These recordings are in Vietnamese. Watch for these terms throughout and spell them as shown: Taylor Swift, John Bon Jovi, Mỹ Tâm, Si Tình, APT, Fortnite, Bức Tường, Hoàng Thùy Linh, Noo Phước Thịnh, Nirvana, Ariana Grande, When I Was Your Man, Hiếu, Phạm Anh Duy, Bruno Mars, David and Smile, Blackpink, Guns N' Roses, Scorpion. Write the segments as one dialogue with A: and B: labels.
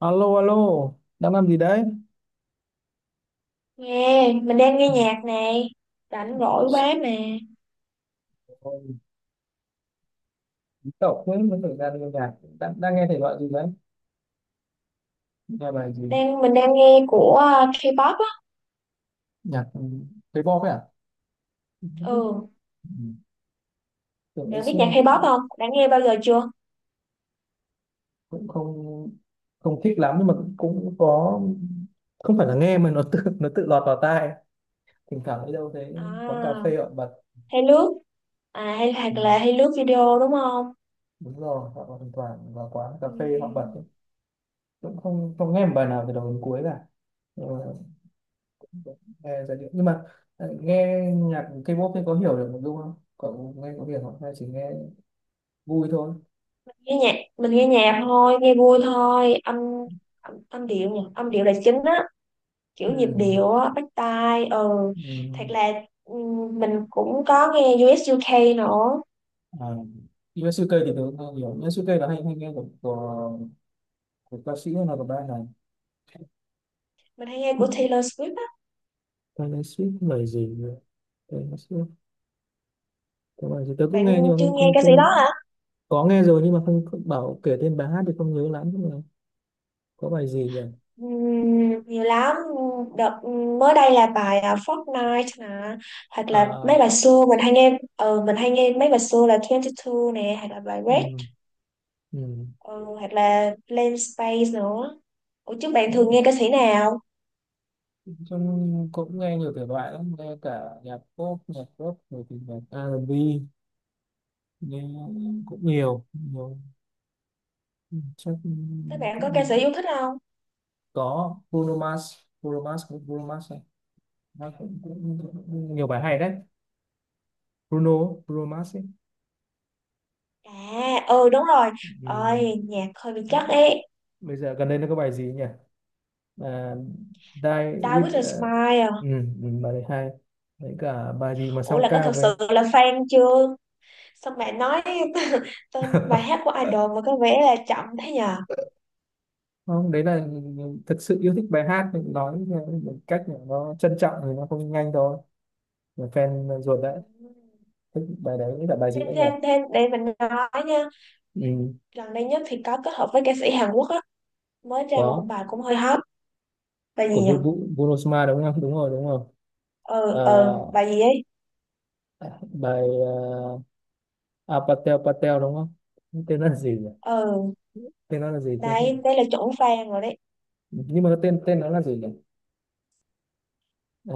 A: Alo alo, đang làm gì đấy?
B: Nghe, mình đang nghe nhạc nè, rảnh rỗi quá mà.
A: Ôi, Bí Tẩu mới mới thời gian nghe nhạc, đang nghe thể loại gì đấy? Nghe bài gì?
B: Mình đang nghe của K-pop á.
A: Nhạc, K-pop ấy à? Ừ,
B: Ừ,
A: tưởng ngày
B: bạn biết nhạc
A: xưa
B: K-pop không? Đã nghe bao giờ chưa?
A: cũng không không thích lắm nhưng mà cũng có, không phải là nghe mà nó tự lọt vào tai, thỉnh thoảng đi đâu thấy quán cà
B: À,
A: phê họ bật.
B: hay lướt à hay
A: Ừ,
B: hoặc là Hay lướt video đúng không?
A: đúng rồi, họ còn thỉnh thoảng vào quán cà phê họ bật
B: Ừ.
A: ấy. Cũng không không nghe một bài nào từ đầu đến cuối cả. Ừ, nghe giai điệu nhưng mà nghe nhạc K-pop thì có hiểu được một chút không, cậu nghe có hiểu không hay chỉ nghe vui thôi?
B: Mình nghe nhạc thôi, nghe vui thôi, âm âm, âm điệu nhỉ, âm điệu là chính á, kiểu
A: Ừ.
B: nhịp điệu á, bắt tai. Ừ, thật
A: Ừ.
B: là ừ, mình cũng có nghe U.S., UK nữa.
A: À. Yosuke thì tớ cũng không hiểu Yosuke là hay hay nghe của ca sĩ hay là của band này.
B: Mình hay nghe của Taylor Swift á.
A: Taylor Swift lời gì nữa? Taylor Swift có bài gì tớ cũng nghe nhưng
B: Bạn
A: mà
B: chưa
A: không
B: nghe
A: không
B: ca sĩ đó
A: không
B: à?
A: Có nghe rồi nhưng mà không không bảo kể tên bài hát thì không nhớ lắm, nhưng mà có bài gì nhỉ?
B: Nhiều lắm. Đợt mới đây là bài Fortnite nè, hoặc là
A: À,
B: mấy bài xưa mình hay nghe mấy bài xưa là 22 nè, hoặc là bài
A: ừ,
B: Red
A: ừ.
B: ừ, hoặc là Blank Space nữa. Ủa chứ bạn thường nghe ca sĩ nào?
A: Trong cũng nghe nhiều thể loại lắm, nghe cả nhạc pop, nhạc rock, rồi thì nhạc R&B, nghe cũng nhiều, nhiều. Ừ, chắc
B: Các bạn
A: cũng
B: có ca
A: nghe.
B: sĩ yêu thích không?
A: Có Bruno Mars, Bruno Mars, cũng Bruno Mars này. Nó cũng nhiều bài hay đấy. Bruno, Bruno Mars ấy.
B: À, ừ, đúng rồi.
A: Ừ.
B: Ôi, nhạc hơi bị chắc ấy.
A: Bây giờ gần đây nó có bài gì nhỉ? À, Die
B: David
A: with,
B: and Smile à.
A: ừ, ừ, bài đấy hay. Đấy cả bài gì mà
B: Ủa
A: song
B: là có
A: ca
B: thật
A: với.
B: sự là fan chưa? Xong bạn nói tên bài hát của idol mà có vẻ là chậm thế nhờ?
A: Không, đấy là thực sự yêu thích bài hát thì nói một cách là nó trân trọng thì nó không nhanh thôi, là fan ruột
B: Ừ.
A: đấy. Thích bài đấy là bài gì
B: Thêm
A: đấy nhỉ?
B: thêm thêm để mình nói nha.
A: Ừ,
B: Gần đây nhất thì có kết hợp với ca sĩ Hàn Quốc á, mới ra một
A: có
B: bài cũng hơi hot. Bài gì
A: của
B: nhỉ?
A: Bruno Mars đúng không? Đúng rồi, đúng rồi. Ờ,
B: Ờ Bài gì ấy?
A: bài à, Patel Patel đúng không? Tên nó là gì nhỉ?
B: ờ
A: Tên nó là gì chứ?
B: Đấy, đây là chuẩn fan rồi đấy.
A: Nhưng mà cái tên tên nó là gì nhỉ? Ờ,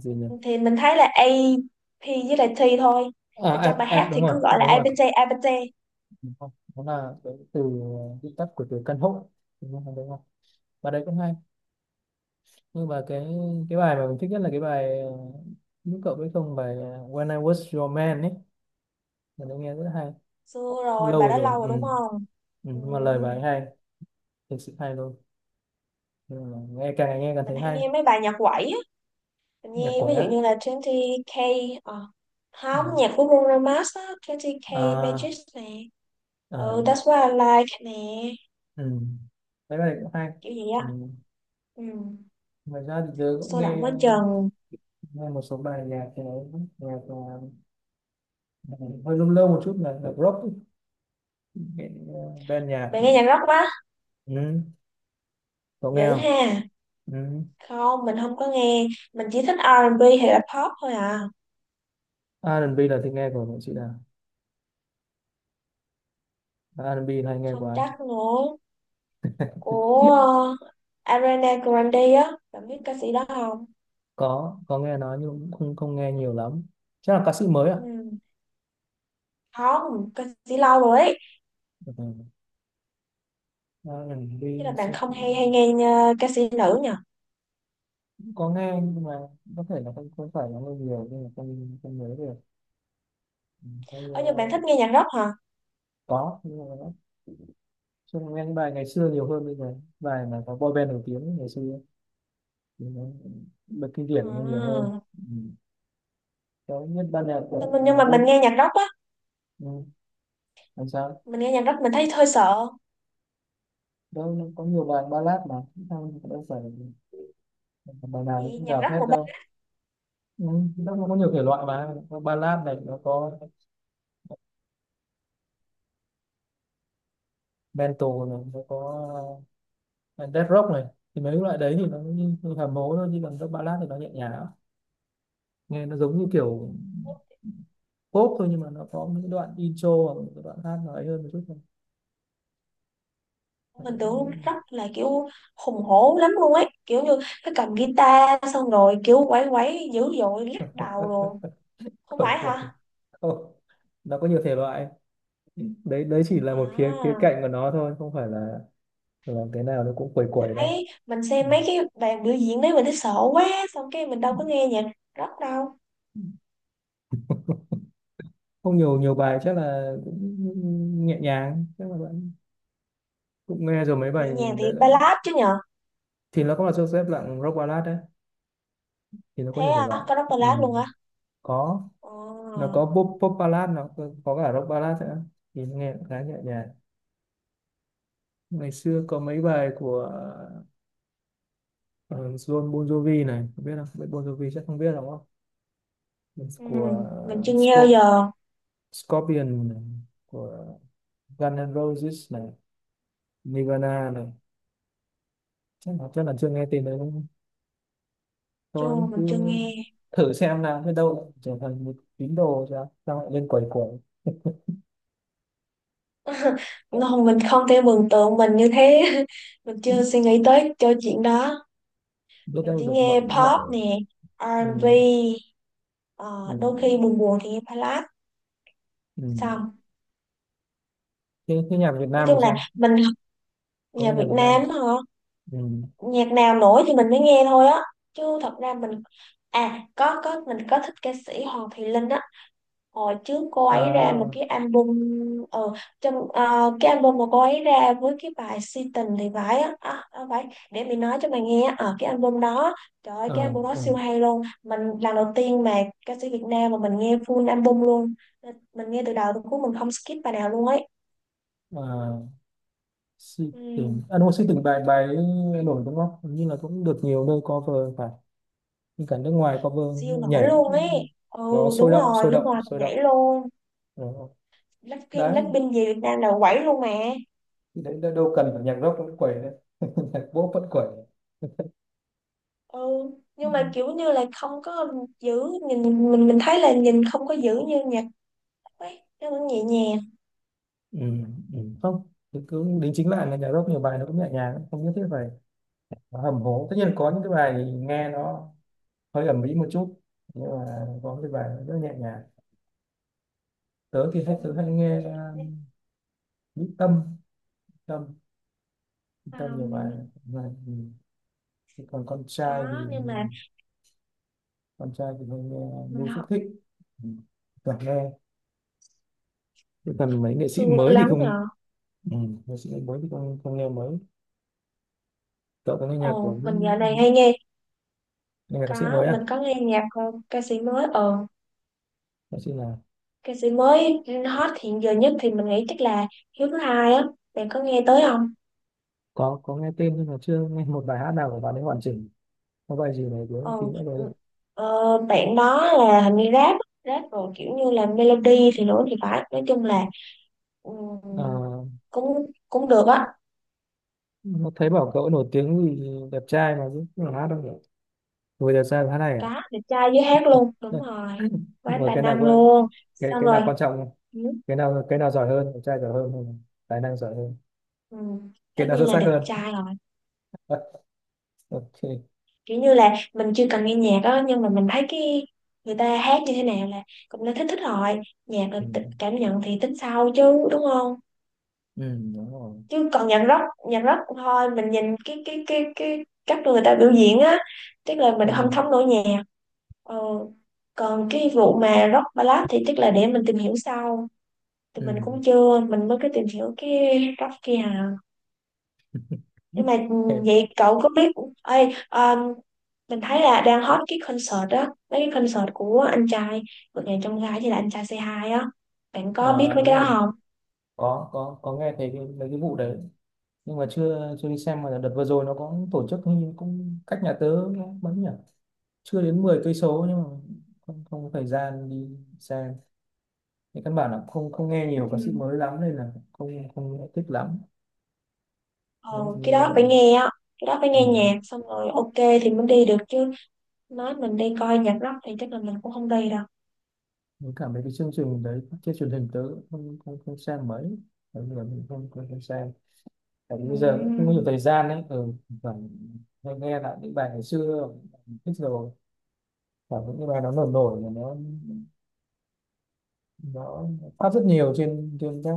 A: gì nhỉ?
B: Thì mình thấy là A, AP với lại T thôi.
A: À,
B: Tại trong
A: app
B: bài
A: app
B: hát
A: đúng
B: thì
A: rồi,
B: cứ gọi là
A: đúng
B: A
A: rồi.
B: pê tê, A, APT APT
A: Đúng không? Nó là cái từ viết tắt của từ căn hộ, đúng không, đúng không. Và đấy cũng hay, nhưng mà cái bài mà mình thích nhất là cái bài, lúc cậu biết không, bài When I Was Your Man ấy, mình đã nghe rất hay.
B: Xưa rồi bài
A: Lâu
B: đó lâu
A: rồi, ừ.
B: rồi đúng
A: Ừ,
B: không. Ừ.
A: nhưng mà lời bài hay, thực sự hay luôn. Nhưng mà nghe càng ngày nghe càng
B: Mình
A: thấy
B: hay
A: hay.
B: nghe mấy bài nhạc quẩy á. Mình
A: Nhạc
B: nghe ví
A: quẩy
B: dụ
A: à?
B: như là 20k,
A: Ừ.
B: không, nhạc của Bruno Mars á, 20k
A: À,
B: Magic nè. Ừ,
A: à.
B: That's What I Like nè,
A: Ừ, đấy bài này cũng hay.
B: kiểu gì
A: Ừ,
B: á. Ừ,
A: ngoài ra thì tớ cũng
B: sôi
A: nghe
B: động quá chừng.
A: nghe một số bài nhạc thì nhạc, hơi lâu lâu một chút là rock ấy. Cái, band nhạc.
B: Bạn nghe nhạc rock quá
A: Ừ. Cậu nghe
B: dữ
A: không?
B: ha?
A: Ừ.
B: Không, mình không có nghe. Mình chỉ thích R&B hay là pop thôi à.
A: R&B là thích nghe của nghệ sĩ nào, R&B hay nghe
B: Không
A: quá.
B: chắc nữa, của ờ, Ariana Grande á, bạn biết ca sĩ đó không?
A: Có nghe nói nhưng cũng không không nghe nhiều lắm, chắc là ca sĩ mới à.
B: Ừ. Không, ca sĩ lâu rồi ấy.
A: Ừ.
B: Chứ là
A: R&B
B: bạn
A: sẽ-
B: không
A: cũng
B: hay hay nghe ca sĩ nữ nhỉ?
A: có nghe nhưng mà có thể là không không phải là nghe nhiều nên là không không nhớ được. Ừ, không,
B: Nhưng bạn
A: ờ,
B: thích nghe nhạc rock hả?
A: có nhưng mà nó, chứ nghe những bài ngày xưa nhiều hơn bây giờ, bài mà có boy band nổi tiếng ngày xưa thì nó bật kinh điển nó nhiều hơn.
B: À.
A: Ừ, có nhất ban nhạc của, à,
B: Nhưng mà
A: Bôn. Ừ, làm sao?
B: mình nghe nhạc rock mình thấy hơi sợ.
A: Đâu, nó có nhiều bài ballad mà, không đâu phải bài
B: Cái
A: nào nó
B: gì
A: cũng
B: nhạc
A: gào thét
B: rock mà.
A: đâu. Ừ, nó cũng có nhiều thể loại mà, có ballad này nó có, metal này nó có, ờ, death rock này, thì mấy loại đấy thì nó như, như hầm hố thôi chứ còn các ballad thì nó nhẹ nhàng lắm. Nghe nó giống như kiểu pop thôi, nhưng mà nó có những đoạn intro hoặc những cái đoạn hát nó ấy hơn một chút thôi. Đấy,
B: Mình
A: cũng
B: tưởng
A: cũng
B: rất là kiểu hùng hổ lắm luôn ấy, kiểu như cái cầm guitar xong rồi kiểu quẩy quẩy dữ dội lắc đầu rồi. Không
A: Khởi
B: phải
A: quẩn.
B: hả
A: Không, nó có nhiều thể loại, đấy đấy chỉ là một khía khía
B: à?
A: cạnh của nó thôi, không phải là cái nào nó cũng quẩy quẩy đâu.
B: Đấy, mình
A: Ừ.
B: xem mấy cái bàn biểu diễn đấy mình thấy sợ quá. Xong cái mình đâu có nghe nhạc rock đâu.
A: Không, nhiều nhiều bài chắc là cũng nhẹ nhàng, chắc là cũng nghe rồi mấy
B: Nhẹ
A: bài.
B: nhàng thì
A: Đấy là...
B: ballad chứ nhờ.
A: thì nó cũng là xếp dạng rock ballad đấy, thì nó có
B: Thế
A: nhiều thể
B: à,
A: loại.
B: có rock
A: Ừ,
B: ballad luôn hả?
A: có. Nó
B: Ờ,
A: có pop, pop ballad nó có cả rock ballad nữa, thì nó nghe cũng khá nhẹ nhàng. Ngày xưa có mấy bài của, ờ, John Bon Jovi này, không biết Bon Jovi chắc không biết đúng không?
B: ừ,
A: Của
B: mình chưa nghe bao
A: Scorp,
B: giờ.
A: Scorpion này, của Guns N' Roses này, Nirvana này, chắc là chưa nghe tên đấy đúng không?
B: Chưa,
A: Thôi cứ
B: mình chưa nghe.
A: thử xem nào, biết đâu lại trở thành một tín đồ, sao sao lại lên quẩy quẩy.
B: Không, mình không thể mường tượng mình như thế. Mình chưa suy nghĩ tới cho chuyện đó.
A: Biết
B: Mình
A: đâu
B: chỉ
A: được,
B: nghe
A: mọi mọi.
B: pop nè,
A: mình
B: R&B, ờ,
A: mình
B: đôi khi buồn buồn thì nghe ballad. Xong,
A: mình thế thế nhạc Việt
B: nói
A: Nam thì
B: chung là
A: sao,
B: mình,
A: có
B: nhạc
A: nghe nhạc
B: Việt
A: Việt Nam không?
B: Nam hả?
A: Ừ.
B: Nhạc nào nổi thì mình mới nghe thôi á. Chứ thật ra mình, à, có mình có thích ca sĩ Hoàng Thùy Linh á. Hồi trước cô ấy ra một
A: À,
B: cái album, ờ, cái album mà cô ấy ra với cái bài Si Tình thì phải á, phải để mình nói cho mày nghe ở cái album đó. Trời ơi cái
A: ờ,
B: album đó
A: ờ,
B: siêu hay luôn, mình lần đầu tiên mà ca sĩ Việt Nam mà mình nghe full album luôn. Nên mình nghe từ đầu tới cuối mình không skip bài nào luôn ấy.
A: à, si
B: Ừ,
A: tình à, đúng rồi, si tình, bài bài ấy nổi đúng không? Hình như là cũng được nhiều nơi cover phải, nhưng cả nước ngoài cover
B: siêu nổi
A: nhảy,
B: luôn ấy. Ừ,
A: nó sôi
B: đúng
A: động sôi
B: rồi, nước
A: động
B: ngoài mình
A: sôi động.
B: nhảy luôn.
A: Ờ,
B: Blackpink
A: đấy
B: Blackpink về Việt Nam là quẩy luôn mà.
A: thì đấy đâu đâu cần phải nhạc rock vẫn quẩy đấy. Nhạc pop vẫn quẩy.
B: Ừ,
A: Ừ.
B: nhưng mà kiểu như là không có giữ, nhìn mình thấy là nhìn không có giữ như nhạc ấy, nó cũng nhẹ nhàng.
A: Ừ. Không, cứ đính chính lại là nhạc rock nhiều bài nó cũng nhẹ nhàng, không nhất thiết phải nó hầm hố. Tất nhiên có những cái bài nghe nó hơi ầm ĩ một chút, nhưng mà có cái bài nó rất nhẹ nhàng. tớ thì hay
B: Ừ.
A: tớ hay nghe Mỹ Tâm, Tâm, Mỹ Tâm nhiều bài
B: um,
A: mà. Ừ. Thế còn con trai thì,
B: Đó nhưng mà
A: con trai thì hay nghe
B: mình
A: Noo Phước
B: học
A: Thịnh. Ừ, toàn nghe. Thế còn mấy nghệ sĩ
B: xưa
A: mới thì
B: lắm
A: không?
B: rồi.
A: Ừ, nghệ sĩ mới thì không không nghe mới. Cậu có nghe nhạc của
B: Ồ, mình
A: những,
B: dạo này hay nghe.
A: nghe nhạc ca sĩ
B: Có,
A: mới à?
B: mình có nghe nhạc, ca sĩ mới ờ
A: Ca sĩ là,
B: ca sĩ mới hot hiện giờ nhất thì mình nghĩ chắc là Hiếu thứ hai á, bạn có nghe tới không?
A: có nghe tên nhưng mà chưa nghe một bài hát nào của bạn ấy hoàn chỉnh. Có bài gì này của
B: ờ
A: tí nữa
B: ừ,
A: rồi.
B: bạn đó là hình như rap á, rap rồi kiểu như là melody thì nữa thì phải, nói chung là. Ừ,
A: À,
B: cũng cũng được á.
A: mà thấy bảo cậu nổi tiếng vì đẹp trai mà chứ không phải hát đâu nhỉ, vừa đẹp trai vừa hát này à?
B: Cá, đẹp trai với hát luôn đúng rồi. Quá
A: Rồi
B: tài
A: cái nào
B: năng
A: quan,
B: luôn.
A: cái
B: Xong
A: cái
B: rồi.
A: nào quan trọng nhỉ?
B: Ừ,
A: Cái nào giỏi hơn, đẹp trai giỏi hơn hay là tài năng giỏi hơn,
B: ừ, tất
A: cái nào xuất
B: nhiên là
A: sắc
B: đẹp
A: hơn?
B: trai rồi.
A: OK.
B: Kiểu như là mình chưa cần nghe nhạc á, nhưng mà mình thấy cái người ta hát như thế nào là cũng đã thích thích rồi. Nhạc là
A: Ừ.
B: cảm nhận thì tính sau chứ đúng không?
A: Ừ đúng rồi.
B: Chứ còn nhạc rock thôi mình nhìn cái cách người ta biểu diễn á, tức là mình
A: Ừ.
B: không thấm nổi nhạc ờ, còn cái vụ mà rock ballad thì tức là để mình tìm hiểu sau, thì
A: Ừ.
B: mình cũng chưa, mình mới cái tìm hiểu cái góc kia à. Nhưng mà
A: Thế,
B: vậy cậu có biết, ơi, um, mình thấy là đang hot cái concert đó, mấy cái concert của anh trai, vượt ngàn chông gai hay là anh trai c hai á. Bạn có biết
A: ờ,
B: mấy
A: đúng
B: cái đó
A: rồi,
B: không?
A: có nghe thấy cái, mấy cái vụ đấy nhưng mà chưa chưa đi xem. Mà đợt vừa rồi nó có tổ chức hình như cũng cách nhà tớ, nó mấy nhỉ, chưa đến 10 km nhưng mà không không có thời gian đi xem. Thì căn bản là không không nghe nhiều ca sĩ
B: Ừ.
A: mới lắm nên là không không thích lắm,
B: Ờ,
A: giống
B: cái
A: như.
B: đó phải nghe á, cái đó phải
A: Ừ,
B: nghe nhạc xong rồi ok thì mới đi được chứ. Nói mình đi coi nhạc rock thì chắc là mình cũng không đi đâu.
A: mình cảm thấy cái chương trình đấy trên truyền hình tớ cũng không không, không xem mấy, bởi vì là mình không không, không xem, tại vì bây giờ cũng không có nhiều
B: Ừm,
A: thời gian ấy. Ừ, phải hay nghe lại những bài ngày xưa thích rồi, và những cái bài nó nổi nổi là nó phát rất nhiều trên trên các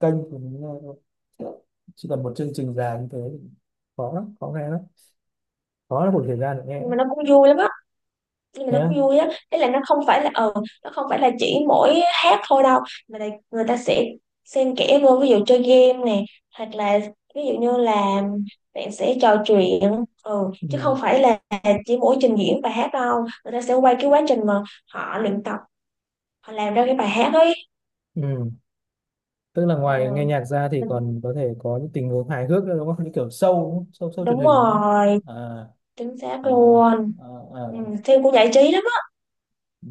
A: kênh của mình nghe thôi. Chỉ cần một chương trình dài như thế thì khó lắm, khó nghe lắm, khó là một thời gian để nghe
B: Nhưng mà nó cũng vui lắm á. Nhưng mà
A: nhé.
B: nó cũng vui á Thế là nó không phải là nó không phải là chỉ mỗi hát thôi đâu, mà là người ta sẽ xen kẽ vô, ví dụ chơi game nè, hoặc là ví dụ như là bạn sẽ trò chuyện, chứ
A: Ừ.
B: không phải là chỉ mỗi trình diễn bài hát đâu, người ta sẽ quay cái quá trình mà họ luyện tập, họ làm ra cái bài hát ấy.
A: Ừ, tức là
B: Ừ,
A: ngoài nghe nhạc ra thì
B: mình-
A: còn có thể có những tình huống hài hước nữa đúng không, như kiểu show đúng không? Show show truyền
B: đúng
A: hình đúng không?
B: rồi,
A: À,
B: chính xác
A: à,
B: luôn.
A: à, à.
B: Ừ, phim cũng giải trí lắm á.
A: Ừ,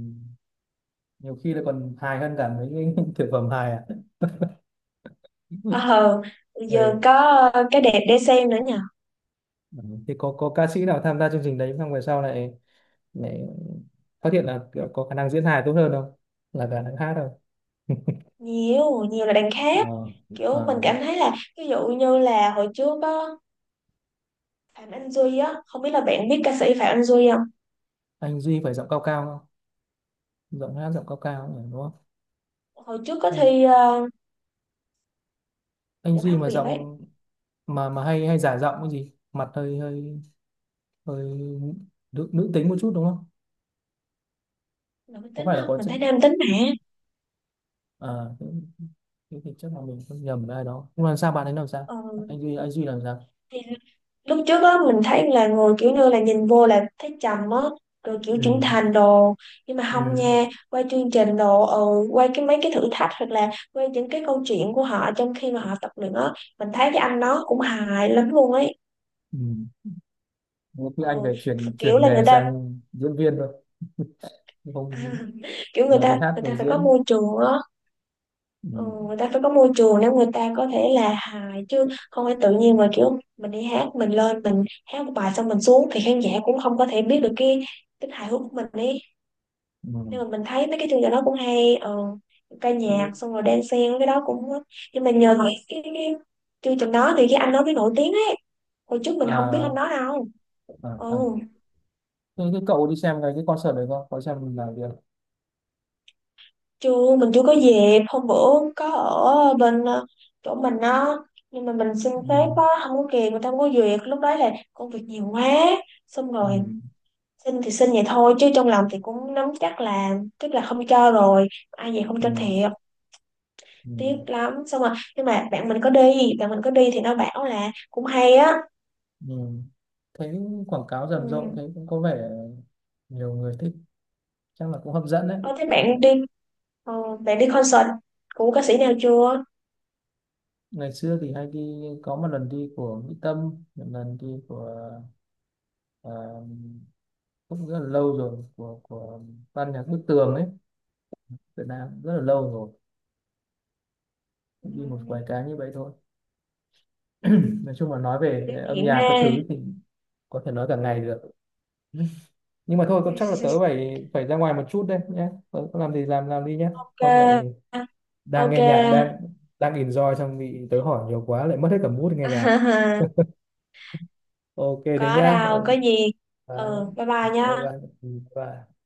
A: nhiều khi là còn hài hơn cả mấy cái thực phẩm hài à.
B: ờ Giờ
A: Ừ.
B: có cái đẹp để xem nữa nhỉ.
A: Ừ, thì có ca sĩ nào tham gia chương trình đấy xong về sau lại lại phát hiện là kiểu có khả năng diễn hài tốt hơn không, là khả năng hát không?
B: Nhiều nhiều là đằng khác.
A: Ờ,
B: Kiểu mình
A: ờ.
B: cảm thấy là ví dụ như là hồi trước á, Phạm Anh Duy á, không biết là bạn biết ca sĩ Phạm Anh Duy không.
A: Anh Duy phải giọng cao cao không, giọng hát giọng cao cao ừ, đúng không?
B: Hồi trước có
A: anh,
B: thi
A: anh
B: giọng
A: Duy
B: hát
A: mà
B: Việt ấy.
A: giọng, mà hay hay giả giọng cái gì, mặt hơi hơi hơi nữ, nữ tính một chút đúng không,
B: Là mình
A: có
B: tính
A: phải là
B: không,
A: có
B: mình
A: chất,
B: thấy nam tính mà.
A: à, nữ-? Thế thì chắc là mình không nhầm với ai đó, nhưng mà sao bạn ấy làm sao,
B: Ừ.
A: anh Duy làm sao?
B: Thì lúc trước á mình thấy là người kiểu như là nhìn vô là thấy trầm á, rồi kiểu
A: Ừ.
B: trưởng thành đồ. Nhưng mà không
A: Ừ.
B: nha, qua chương trình đồ qua cái mấy cái thử thách hoặc là qua những cái câu chuyện của họ trong khi mà họ tập luyện á, mình thấy cái anh nó cũng hài lắm luôn ấy.
A: Ừ. Thế thì anh
B: Ừ,
A: phải chuyển
B: kiểu
A: chuyển
B: là
A: nghề
B: người ta
A: sang diễn viên thôi, không,
B: À, kiểu người
A: vừa đi
B: ta
A: hát
B: người ta
A: vừa
B: phải có
A: diễn.
B: môi trường á.
A: Ừ.
B: Ừ, người ta phải có môi trường để người ta có thể là hài chứ, không phải tự nhiên mà kiểu mình đi hát mình lên mình hát một bài xong mình xuống thì khán giả cũng không có thể biết được cái tính hài hước của mình ấy.
A: Ừ.
B: Nhưng mà mình thấy mấy cái chương trình đó cũng hay. Ừ, ca
A: Ừ.
B: nhạc xong rồi đan xen cái đó cũng, nhưng mà nhờ cái chương trình đó thì cái anh đó mới nổi tiếng ấy. Hồi trước mình không biết anh
A: À,
B: đó đâu.
A: à, à.
B: Ừ.
A: Thế cái cậu đi xem cái concert đấy không, có xem là việc.
B: Chưa, mình chưa có dịp. Hôm bữa có ở bên chỗ mình á, nhưng mà mình xin
A: Ừ.
B: phép á không có kịp, người ta không có duyệt, lúc đó là công việc nhiều quá. Xong
A: Ừ.
B: rồi xin thì xin vậy thôi chứ trong lòng thì cũng nắm chắc là tức là không cho rồi, ai vậy không cho
A: Ừ.
B: thiệt.
A: Ừ.
B: Tiếc lắm, xong rồi, nhưng mà bạn mình có đi thì nó bảo là cũng hay á.
A: Ừ. Thấy quảng cáo rầm rộ,
B: Ừ.
A: thấy cũng có vẻ nhiều người thích, chắc là cũng hấp dẫn đấy.
B: Có thấy bạn đi concert của ca sĩ nào chưa?
A: Ngày xưa thì hay đi, có một lần đi của Mỹ Tâm, một lần đi của, ờ, cũng rất là lâu rồi, của ban nhạc Bức Tường ấy, Việt Nam rất là lâu rồi.
B: Ừ.
A: Đi một vài cái như vậy thôi. Nói chung là nói về
B: Kỷ
A: âm
B: niệm
A: nhạc
B: ha.
A: các thứ thì có thể nói cả ngày được. Nhưng mà thôi, tôi chắc là tớ phải phải ra ngoài một chút đây nhé, tớ có làm gì làm đi nhé,
B: Ok,
A: không lại đang
B: ok.
A: nghe nhạc, đang đang enjoy xong bị tớ hỏi nhiều quá lại mất hết cả mood nghe nhạc. OK thế
B: Có
A: nhá.
B: đâu có gì.
A: Đấy,
B: Ừ, bye bye
A: bye
B: nha.
A: bye. Bye.